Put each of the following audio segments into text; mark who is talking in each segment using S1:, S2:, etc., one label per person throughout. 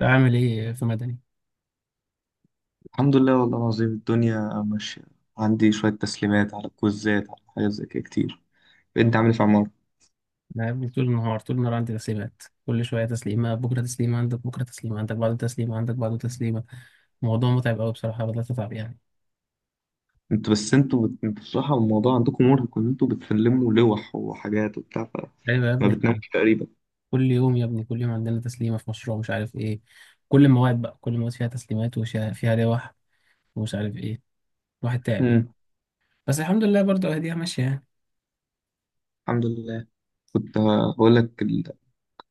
S1: عامل ايه في مدني؟
S2: الحمد لله والله العظيم، الدنيا ماشية. عندي شوية تسليمات على كوزات، على حاجات زي كده كتير. انت عامل ايه في عمارة؟
S1: انا يا ابني طول النهار طول النهار عندي تسليمات، كل شويه تسليمه، بكره تسليمه عندك، بكره تسليمه عندك، بعده تسليمه عندك، بعده تسليمه. الموضوع متعب قوي بصراحه، بدات اتعب يعني.
S2: انتوا بس انتوا بت... انتوا بصراحة الموضوع عندكم مرهق ان انتوا بتسلموا لوح وحاجات وبتاع
S1: ايوه يا
S2: فما
S1: ابني، إحنا
S2: بتناموش تقريبا.
S1: كل يوم يا ابني، كل يوم عندنا تسليمه في مشروع مش عارف ايه. كل المواد بقى، كل المواد فيها تسليمات، وفيها لوح ومش عارف ايه. الواحد تعب يعني.
S2: امم.
S1: بس الحمد لله برضه اهديها ماشيه يعني.
S2: الحمد لله. كنت هقول لك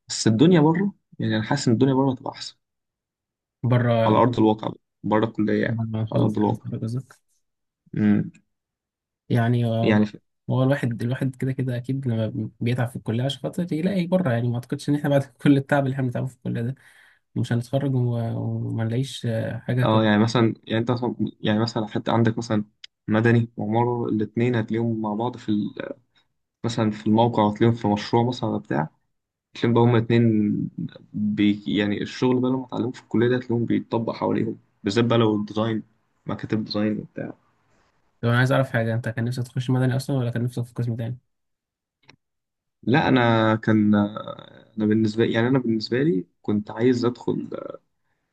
S2: بس الدنيا بره. يعني انا حاسس ان الدنيا بره هتبقى احسن على
S1: بره.
S2: ارض الواقع بقى. بره الكلية يعني،
S1: بره ما
S2: على
S1: نخلص
S2: ارض
S1: خلاص
S2: الواقع.
S1: حضرتك.
S2: امم.
S1: يعني
S2: يعني
S1: هو الواحد الواحد كده كده اكيد لما بيتعب في الكليه عشان خاطر يلاقي بره، يعني ما اعتقدش ان احنا بعد كل التعب اللي احنا بنتعبه في الكليه ده مش هنتخرج و- وما نلاقيش حاجه
S2: اه
S1: كلها.
S2: يعني مثلا، يعني مثلا حتى عندك مثلا مدني وعمارة الاتنين هتلاقيهم مع بعض في مثلا في الموقع، وتلاقيهم في مشروع مثلا ولا بتاع. تلاقيهم بقى هما اتنين. يعني الشغل بقى لما اتعلموه في الكلية ده تلاقيهم بيتطبق حواليهم، بالذات بقى لو الديزاين، مكاتب ديزاين وبتاع.
S1: طب انا عايز اعرف حاجه، انت كان نفسك تخش مدني اصلا ولا كان نفسك في قسم تاني؟
S2: لا، أنا كان أنا بالنسبة يعني أنا بالنسبة لي كنت عايز أدخل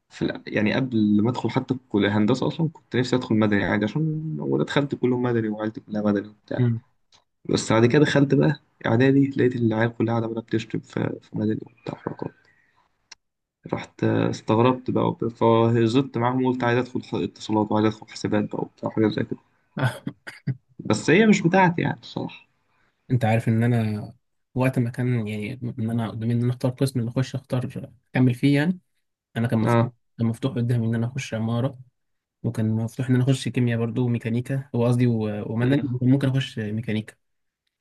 S2: يعني قبل ما أدخل حتى كلية هندسة أصلا كنت نفسي أدخل مدني عادي، عشان أنا دخلت كلهم مدني وعيلتي كلها مدني وبتاع.
S1: امم.
S2: بس بعد كده دخلت بقى إعدادي، لقيت العيال كلها قاعدة بقى بتشتم في مدني وبتاع. رحت استغربت بقى وبتاع، فهزت معاهم وقلت عايز ادخل اتصالات، وعايز ادخل حسابات بقى وبتاع، حاجات زي كده. بس هي مش بتاعتي يعني الصراحة.
S1: انت عارف ان انا وقت ما كان يعني ان انا قدامي ان انا اختار قسم اللي اخش اختار اكمل فيه يعني. انا كان مفتوح،
S2: اه.
S1: كان مفتوح قدامي ان انا اخش عماره، وكان مفتوح ان انا اخش كيمياء برضو وميكانيكا، هو قصدي و- ومدني،
S2: مم.
S1: وكان ممكن اخش ميكانيكا.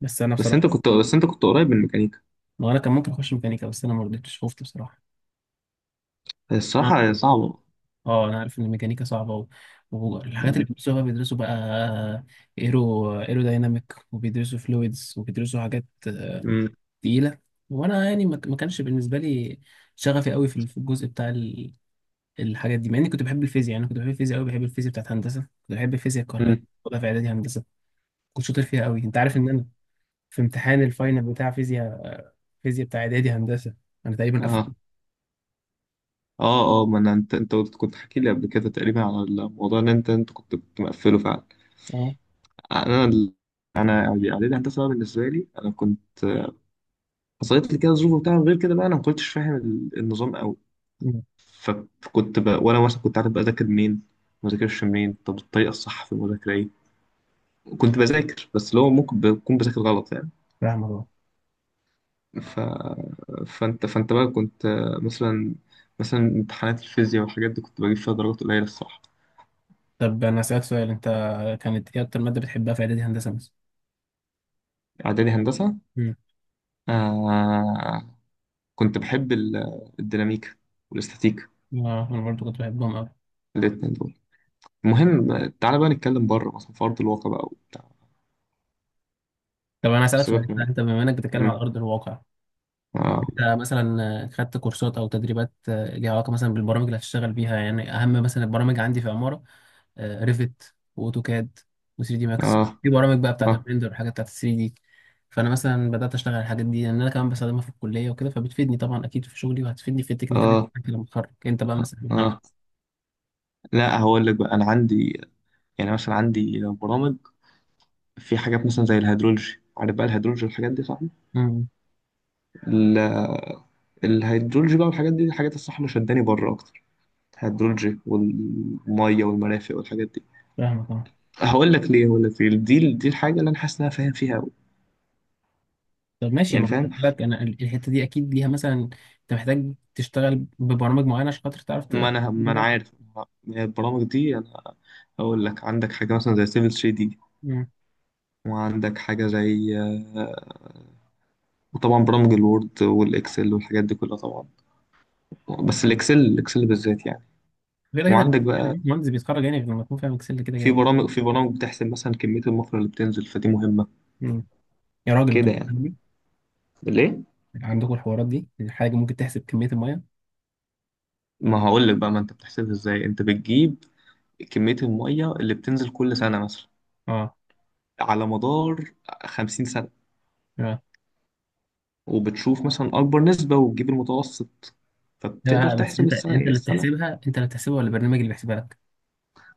S1: بس انا
S2: بس انت
S1: بصراحه،
S2: كنت بس انت كنت قريب من الميكانيكا.
S1: ما انا كان ممكن اخش ميكانيكا، بس انا ما رضيتش، خفت بصراحه. نعم.
S2: الصراحة، هي الصراحة صعبة.
S1: اه انا عارف ان الميكانيكا صعبه و... والحاجات اللي
S2: مم.
S1: بيدرسوها بيدرسوا بقى، ايرو دايناميك، وبيدرسوا فلويدز، وبيدرسوا حاجات
S2: مم.
S1: تقيله. وانا يعني ما كانش بالنسبه لي شغفي قوي في الجزء بتاع ال- الحاجات دي، مع اني كنت بحب الفيزياء. يعني أنا كنت بحب الفيزياء قوي، بحب الفيزياء بتاعت هندسه، كنت بحب الفيزياء الكهربائيه.
S2: مم.
S1: كنت في اعدادي هندسه كنت شاطر فيها قوي. انت عارف ان انا في امتحان الفاينل بتاع فيزياء، فيزياء بتاع اعدادي هندسه، انا تقريبا قفلت.
S2: اه، اه، اه، ما انا كنت حكي لي قبل كده تقريبا على الموضوع ان انت كنت مقفله فعلا.
S1: اه.
S2: انا ال- انا اعدادي هندسة بقى، بالنسبة لي انا كنت حصلت لي كده ظروف وبتاع، غير كده بقى انا ما كنتش فاهم النظام قوي.
S1: أمم.
S2: فكنت بقى، وانا مثلا كنت عارف بذاكر منين، ما بذاكرش منين، طب الطريقه الصح في المذاكره ايه. كنت بذاكر بس اللي هو ممكن بكون بذاكر غلط يعني.
S1: فاهمك.
S2: ف... فانت بقى كنت مثلا، امتحانات الفيزياء والحاجات دي كنت بجيب فيها درجات قليله الصراحه.
S1: طب انا اسالك سؤال، انت كانت ايه اكتر ماده بتحبها في اعدادي هندسه مثلا؟
S2: اعدادي هندسه.
S1: مم.
S2: آه... كنت بحب الديناميكا والاستاتيكا،
S1: اه انا برضو كنت بحبهم قوي.
S2: الاتنين دول. المهم، تعالى بقى نتكلم بره مثلا في ارض الواقع بقى وبتاع.
S1: طب انا اسالك سؤال،
S2: سيبك من.
S1: انت بما انك بتتكلم على
S2: مم.
S1: ارض الواقع،
S2: اه،
S1: انت مثلا خدت كورسات او تدريبات ليها علاقه مثلا بالبرامج اللي هتشتغل بيها، يعني اهم مثلا البرامج عندي في عماره: ريفت واوتوكاد و3 دي ماكس،
S2: اه،
S1: في برامج بقى بتاعت
S2: اه،
S1: الريندر والحاجات بتاعت 3 دي. فانا مثلا بدات اشتغل على الحاجات دي لان انا كمان بستخدمها في الكليه وكده، فبتفيدني طبعا اكيد في شغلي وهتفيدني في التكنيكاليتي
S2: اه،
S1: بتاعتي لما اتخرج. انت بقى
S2: اه.
S1: مثلا؟ نعم.
S2: آه. لا، هقول لك بقى انا عندي، يعني مثلا عندي برامج في حاجات مثلا زي الهيدرولوجي، عارف بقى الهيدرولوجي والحاجات دي صح.
S1: امم.
S2: ال- الهيدرولوجي بقى والحاجات دي، الحاجات الصح اللي شداني بره اكتر، الهيدرولوجي والميه والمرافق والحاجات دي.
S1: فاهمك.
S2: هقول لك ليه، دي الحاجه اللي انا حاسس ان انا فاهم فيها قوي.
S1: طب ماشي، ما
S2: يعني
S1: أنا
S2: فاهم،
S1: قلت لك انا ال- الحته دي اكيد ليها مثلا، انت محتاج تشتغل ببرامج معينه عشان خاطر تعرف
S2: ما
S1: تبقى
S2: انا ما انا
S1: بجد.
S2: عارف البرامج دي. انا هقول لك، عندك حاجه مثلا زي سيفل 3 دي،
S1: مم.
S2: وعندك حاجه زي آه، وطبعا برامج الوورد والاكسل والحاجات دي كلها طبعا. بس الاكسل بالذات يعني.
S1: كده كده
S2: وعندك بقى
S1: المهندس بيتخرج، يعني غير لما يكون فاهم اكسل كده كده.
S2: في برامج بتحسب مثلا كمية المصر اللي بتنزل، فدي مهمة.
S1: مم. يا راجل انت
S2: كده يعني.
S1: بتعمل إيه؟
S2: ليه؟
S1: عندكم الحوارات دي، الحاجه ممكن تحسب كميه الميه؟
S2: ما هقول لك بقى. ما انت بتحسبها ازاي، انت بتجيب كمية المية اللي بتنزل كل سنة مثلا
S1: اه.
S2: على مدار 50 سنة،
S1: اه.
S2: وبتشوف مثلا أكبر نسبة وتجيب المتوسط، فبتقدر
S1: لا بس
S2: تحسب
S1: انت
S2: السنة
S1: انت
S2: إيه
S1: اللي
S2: السنة.
S1: بتحسبها، انت اللي بتحسبها ولا البرنامج اللي بيحسبها لك؟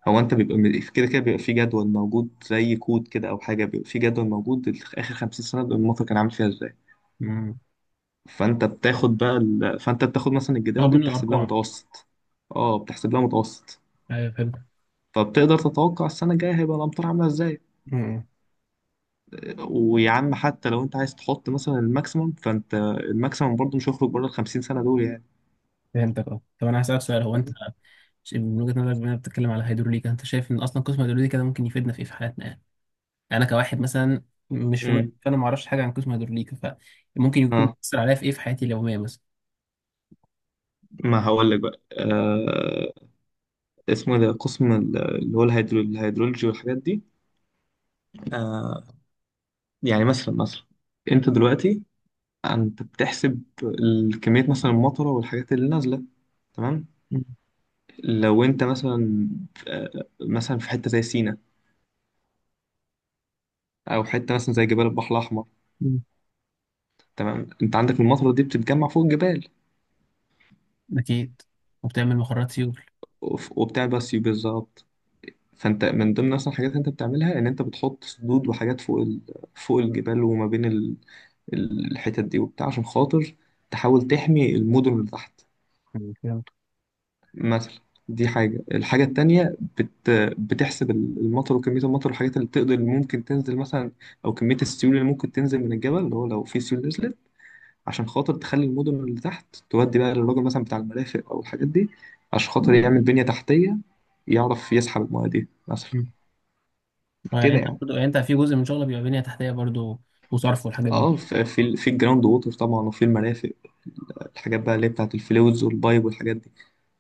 S2: هو أنت بيبقى كده كده بيبقى في جدول موجود زي كود كده، أو حاجة بيبقى في جدول موجود آخر 50 سنة المصر كان عامل فيها ازاي.
S1: مم.
S2: فانت بتاخد بقى ال... فانت بتاخد مثلا
S1: تاخد
S2: الجداول دي،
S1: منه
S2: بتحسب لها
S1: الارقام.
S2: متوسط. اه، بتحسب لها متوسط.
S1: ايوه فهمتك.
S2: فبتقدر تتوقع السنه الجايه هيبقى الامطار عامله ازاي.
S1: مم.
S2: ويا عم، حتى لو انت عايز تحط مثلا الماكسيمم، الماكسيمم برضه مش هيخرج بره ال 50 سنه دول يعني.
S1: فهمتك اه. طب انا هسالك سؤال، هو انت من وجهه نظرك بما إنك بتتكلم على هيدروليكا، انت شايف ان اصلا قسم هيدروليكا ده ممكن يفيدنا في ايه في حياتنا يعني؟ انا كواحد مثلا مش في مدني،
S2: امم.
S1: فانا ما اعرفش حاجه عن قسم هيدروليكا، فممكن يكون
S2: اه.
S1: بيأثر عليا في ايه في حياتي اليوميه مثلا.
S2: ما هقول لك بقى. اسمه إيه ده، قسم اللي هو الهيدرولوجي والحاجات دي. آه يعني مثلا، انت دلوقتي انت بتحسب الكميه مثلا، المطره والحاجات اللي نازله. تمام.
S1: مم.
S2: لو انت مثلا آه، مثلا في حته زي سينا، او حته مثلا زي جبال البحر الاحمر.
S1: مم.
S2: تمام، انت عندك المطره دي بتتجمع فوق الجبال.
S1: اكيد، وبتعمل مخرجات سيول.
S2: وبتعمل سيول بالظبط. فانت من ضمن اصلا الحاجات اللي انت بتعملها ان انت بتحط سدود وحاجات فوق الجبال، وما بين الحتت دي وبتاع، عشان خاطر تحاول تحمي المدن اللي تحت
S1: مم. فهمت.
S2: مثلا. دي حاجة. الحاجة التانية بتحسب المطر وكمية المطر والحاجات اللي تقدر اللي ممكن تنزل مثلا، أو كمية السيول اللي ممكن تنزل من الجبل، اللي هو لو في سيول نزلت عشان خاطر تخلي المدن اللي تحت تودي بقى للراجل مثلا بتاع المرافق أو الحاجات دي، عشان خاطر يعمل بنية تحتية يعرف يسحب المياه دي مثلا.
S1: مم. يعني
S2: كده
S1: انت
S2: يعني.
S1: برضو، يعني انت في جزء من شغلك بيبقى بنيه تحتيه برضو، وصرف والحاجات دي.
S2: اه، في الجراوند ووتر طبعا، وفي المرافق، الحاجات بقى اللي هي بتاعت الفلوز والبايب والحاجات دي،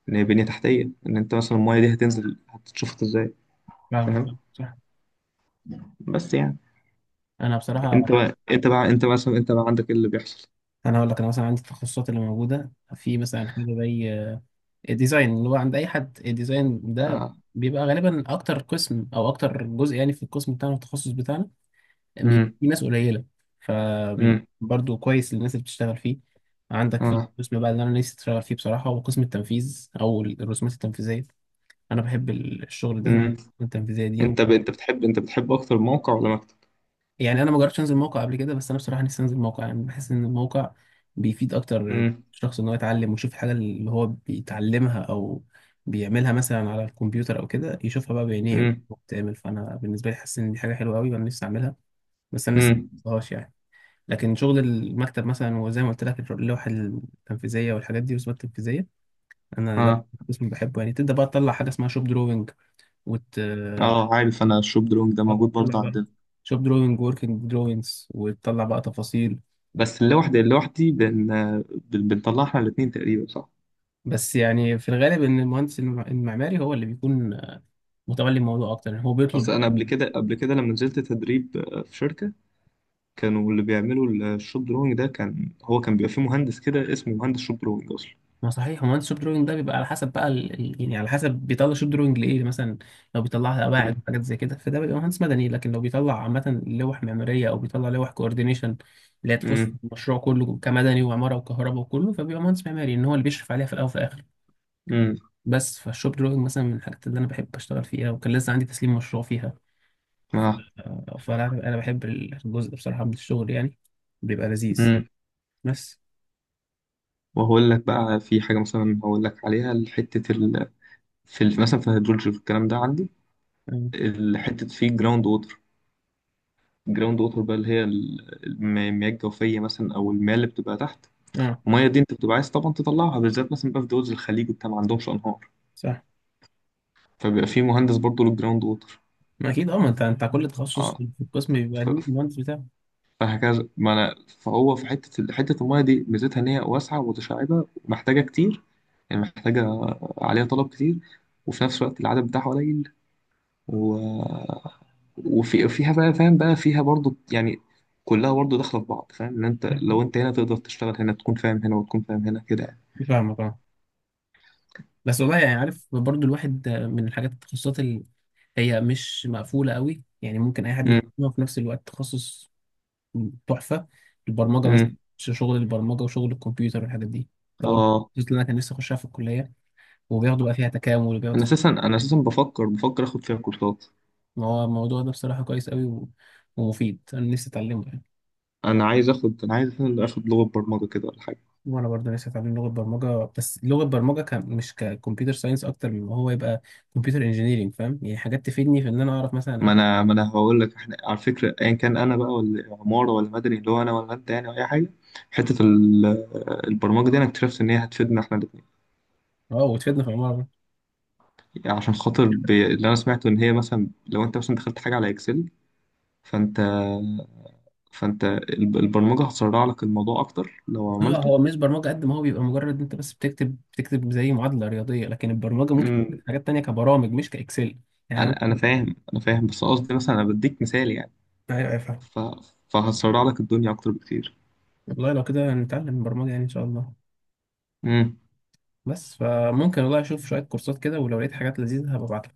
S2: ان هي بنية تحتية، ان انت مثلا المايه دي هتنزل هتتشفط ازاي.
S1: فاهمك.
S2: فاهم.
S1: صح.
S2: بس يعني
S1: انا بصراحه،
S2: انت بقى، انت عندك ايه اللي بيحصل.
S1: انا هقول لك، انا مثلا عندي التخصصات اللي موجوده في مثلا حاجه زي الديزاين، اللي هو عند اي حد الديزاين ده
S2: اه.
S1: بيبقى غالبا اكتر قسم او اكتر جزء يعني. في القسم بتاعنا التخصص بتاعنا بيبقى
S2: امم.
S1: في ناس قليله، فبيبقى
S2: امم.
S1: برضو كويس للناس اللي بتشتغل فيه. عندك في
S2: اه.
S1: قسم بقى اللي انا نفسي اشتغل فيه بصراحه، هو قسم التنفيذ او الرسومات التنفيذيه. انا بحب ال- الشغل ده والرسومات
S2: امم.
S1: التنفيذيه دي و...
S2: انت بتحب اكتر موقع ولا مكتب؟
S1: يعني انا ما جربتش انزل موقع قبل كده، بس انا بصراحه نفسي انزل موقع، يعني بحس ان الموقع بيفيد اكتر
S2: امم.
S1: الشخص، ان هو يتعلم ويشوف الحاجه اللي هو بيتعلمها او بيعملها مثلا على الكمبيوتر او كده، يشوفها بقى بعينيه
S2: امم.
S1: وبتعمل. فانا بالنسبه لي حاسس ان دي حاجه حلوه قوي، وانا نفسي اعملها. بس انا لسه
S2: امم.
S1: ما عملتهاش يعني. لكن شغل المكتب مثلا، وزي ما قلت لك، اللوحة التنفيذية والحاجات دي والرسومات التنفيذية، أنا ده
S2: اه.
S1: قسم بحبه يعني. تبدأ بقى تطلع حاجة اسمها شوب دروينج، وت آه،
S2: اه، عارف انا الشوب درونج ده موجود برضه
S1: تطلع بقى
S2: عندنا.
S1: شوب دروينج، وركينج دروينجز، وتطلع بقى تفاصيل.
S2: بس اللي لوحدي بنطلع احنا الاتنين تقريبا، صح؟
S1: بس يعني في الغالب إن المهندس المعماري هو اللي بيكون متولي الموضوع أكتر، يعني هو بيطلب.
S2: اصل انا قبل كده، لما نزلت تدريب في شركة، كانوا اللي بيعملوا الشوب درونج ده كان هو، بيبقى فيه مهندس كده اسمه مهندس شوب درونج اصلا.
S1: ما صحيح، هو الشوب دروينج ده بيبقى على حسب بقى ال... ال- يعني على حسب بيطلع شوب دروينج لايه يعني. مثلا لو بيطلعها قواعد وحاجات زي كده، فده بيبقى مهندس مدني، لكن لو بيطلع عامة لوح معمارية او بيطلع لوح كوردينيشن اللي هي تخص
S2: امم.
S1: المشروع كله، كمدني وعمارة وكهرباء وكله، فبيبقى مهندس معماري ان هو اللي بيشرف عليها في الاول وفي الاخر.
S2: امم.
S1: بس فالشوب دروينج مثلا من الحاجات اللي انا بحب اشتغل فيها، وكان لسه عندي تسليم مشروع فيها،
S2: اه.
S1: فانا بحب الجزء ده بصراحة من الشغل يعني، بيبقى لذيذ.
S2: امم.
S1: بس.
S2: وهقول لك بقى في حاجة مثلا، هقول لك عليها، حتة مثلا في الهيدرولوجي، في الكلام ده عندي
S1: اه
S2: حتة فيه جراوند ووتر. جراوند ووتر بقى اللي هي المياه الجوفية مثلا، أو المياه اللي بتبقى تحت.
S1: آه،
S2: الميه دي انت بتبقى عايز طبعا تطلعها، بالذات مثلا بقى في دول زي الخليج وبتاع ما عندهمش انهار،
S1: صح.
S2: فبيبقى في مهندس برضه للجراوند ووتر.
S1: ما اكيد اه، ما انت كل تخصص
S2: اه.
S1: في القسم بيبقى
S2: ف-
S1: ليه المهندس بتاعه.
S2: فهكذا ما انا. فهو في حته الميه دي ميزتها ان هي واسعه ومتشعبه ومحتاجه كتير، يعني محتاجه، عليها طلب كتير، وفي نفس الوقت العدد بتاعها قليل. و... وفي فيها بقى، فاهم بقى فيها برضه يعني، كلها برضه داخله في بعض، فاهم ان انت لو انت هنا تقدر تشتغل هنا، تكون فاهم هنا وتكون فاهم هنا كده يعني.
S1: فاهمك اه. بس والله يعني عارف برضو، الواحد من الحاجات، التخصصات اللي هي مش مقفوله قوي يعني، ممكن اي حد
S2: امم.
S1: يتعلمها، في نفس الوقت تخصص تحفه، البرمجه مثلا.
S2: امم.
S1: شغل البرمجه وشغل الكمبيوتر والحاجات دي، ده برضو
S2: اه.
S1: التخصص اللي انا كان نفسي اخشها في الكليه، وبياخدوا بقى فيها تكامل وبياخدوا.
S2: انا اساسا بفكر اخد فيها كورسات.
S1: ما هو الموضوع ده بصراحه كويس قوي و... ومفيد، انا نفسي اتعلمه يعني.
S2: انا عايز أساساً اخد لغه برمجه كده ولا حاجه.
S1: وانا برضه نفسي اتعلم لغه برمجه، بس لغه برمجه ك... مش ككمبيوتر ساينس، اكتر من ما هو يبقى كمبيوتر انجينيرنج، فاهم يعني حاجات تفيدني في ان انا اعرف مثلا.
S2: ما انا هقول لك، احنا على فكره ايا كان انا بقى ولا عماره ولا مدني، اللي هو انا ولا انت يعني، أو اي حاجه، حته البرمجه دي انا اكتشفت ان هي هتفيدنا احنا الاثنين.
S1: اه وتفيدنا في العماره.
S2: يعني عشان خاطر اللي انا سمعته ان هي مثلا لو انت مثلا دخلت حاجه على اكسل، فانت، البرمجه هتسرع لك الموضوع اكتر لو
S1: هو
S2: عملته.
S1: هو مش برمجه قد ما هو بيبقى مجرد انت بس بتكتب، بتكتب زي معادله رياضيه، لكن البرمجه ممكن تكتب
S2: أمم.
S1: حاجات تانية كبرامج مش كاكسل يعني.
S2: انا فاهم، بس قصدي مثلا انا بديك مثال يعني.
S1: ايوه، أيوة، فاهم.
S2: ف... فهسرع لك الدنيا اكتر بكتير.
S1: والله لو كده نتعلم برمجه يعني، ان شاء الله.
S2: امم.
S1: بس فممكن والله اشوف شويه كورسات كده، ولو لقيت حاجات لذيذه هبقى ابعتلك.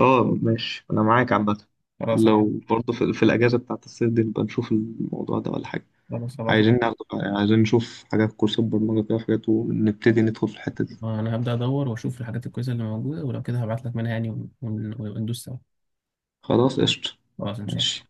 S2: اه ماشي، انا معاك عامه.
S1: خلاص هبعت.
S2: لو برضه في الاجازه بتاعت الصيف دي نبقى نشوف الموضوع ده ولا حاجه.
S1: خلاص هبعت.
S2: عايزين ناخد... عايزين نشوف حاجات، كورسات برمجه كده وحاجات، ونبتدي ندخل في الحته دي.
S1: انا هبدأ ادور واشوف الحاجات الكويسة اللي موجودة، ولو كده هبعت لك منها يعني، وندوس سوا.
S2: خلاص قشطه.
S1: خلاص ان شاء
S2: ماشي.
S1: الله.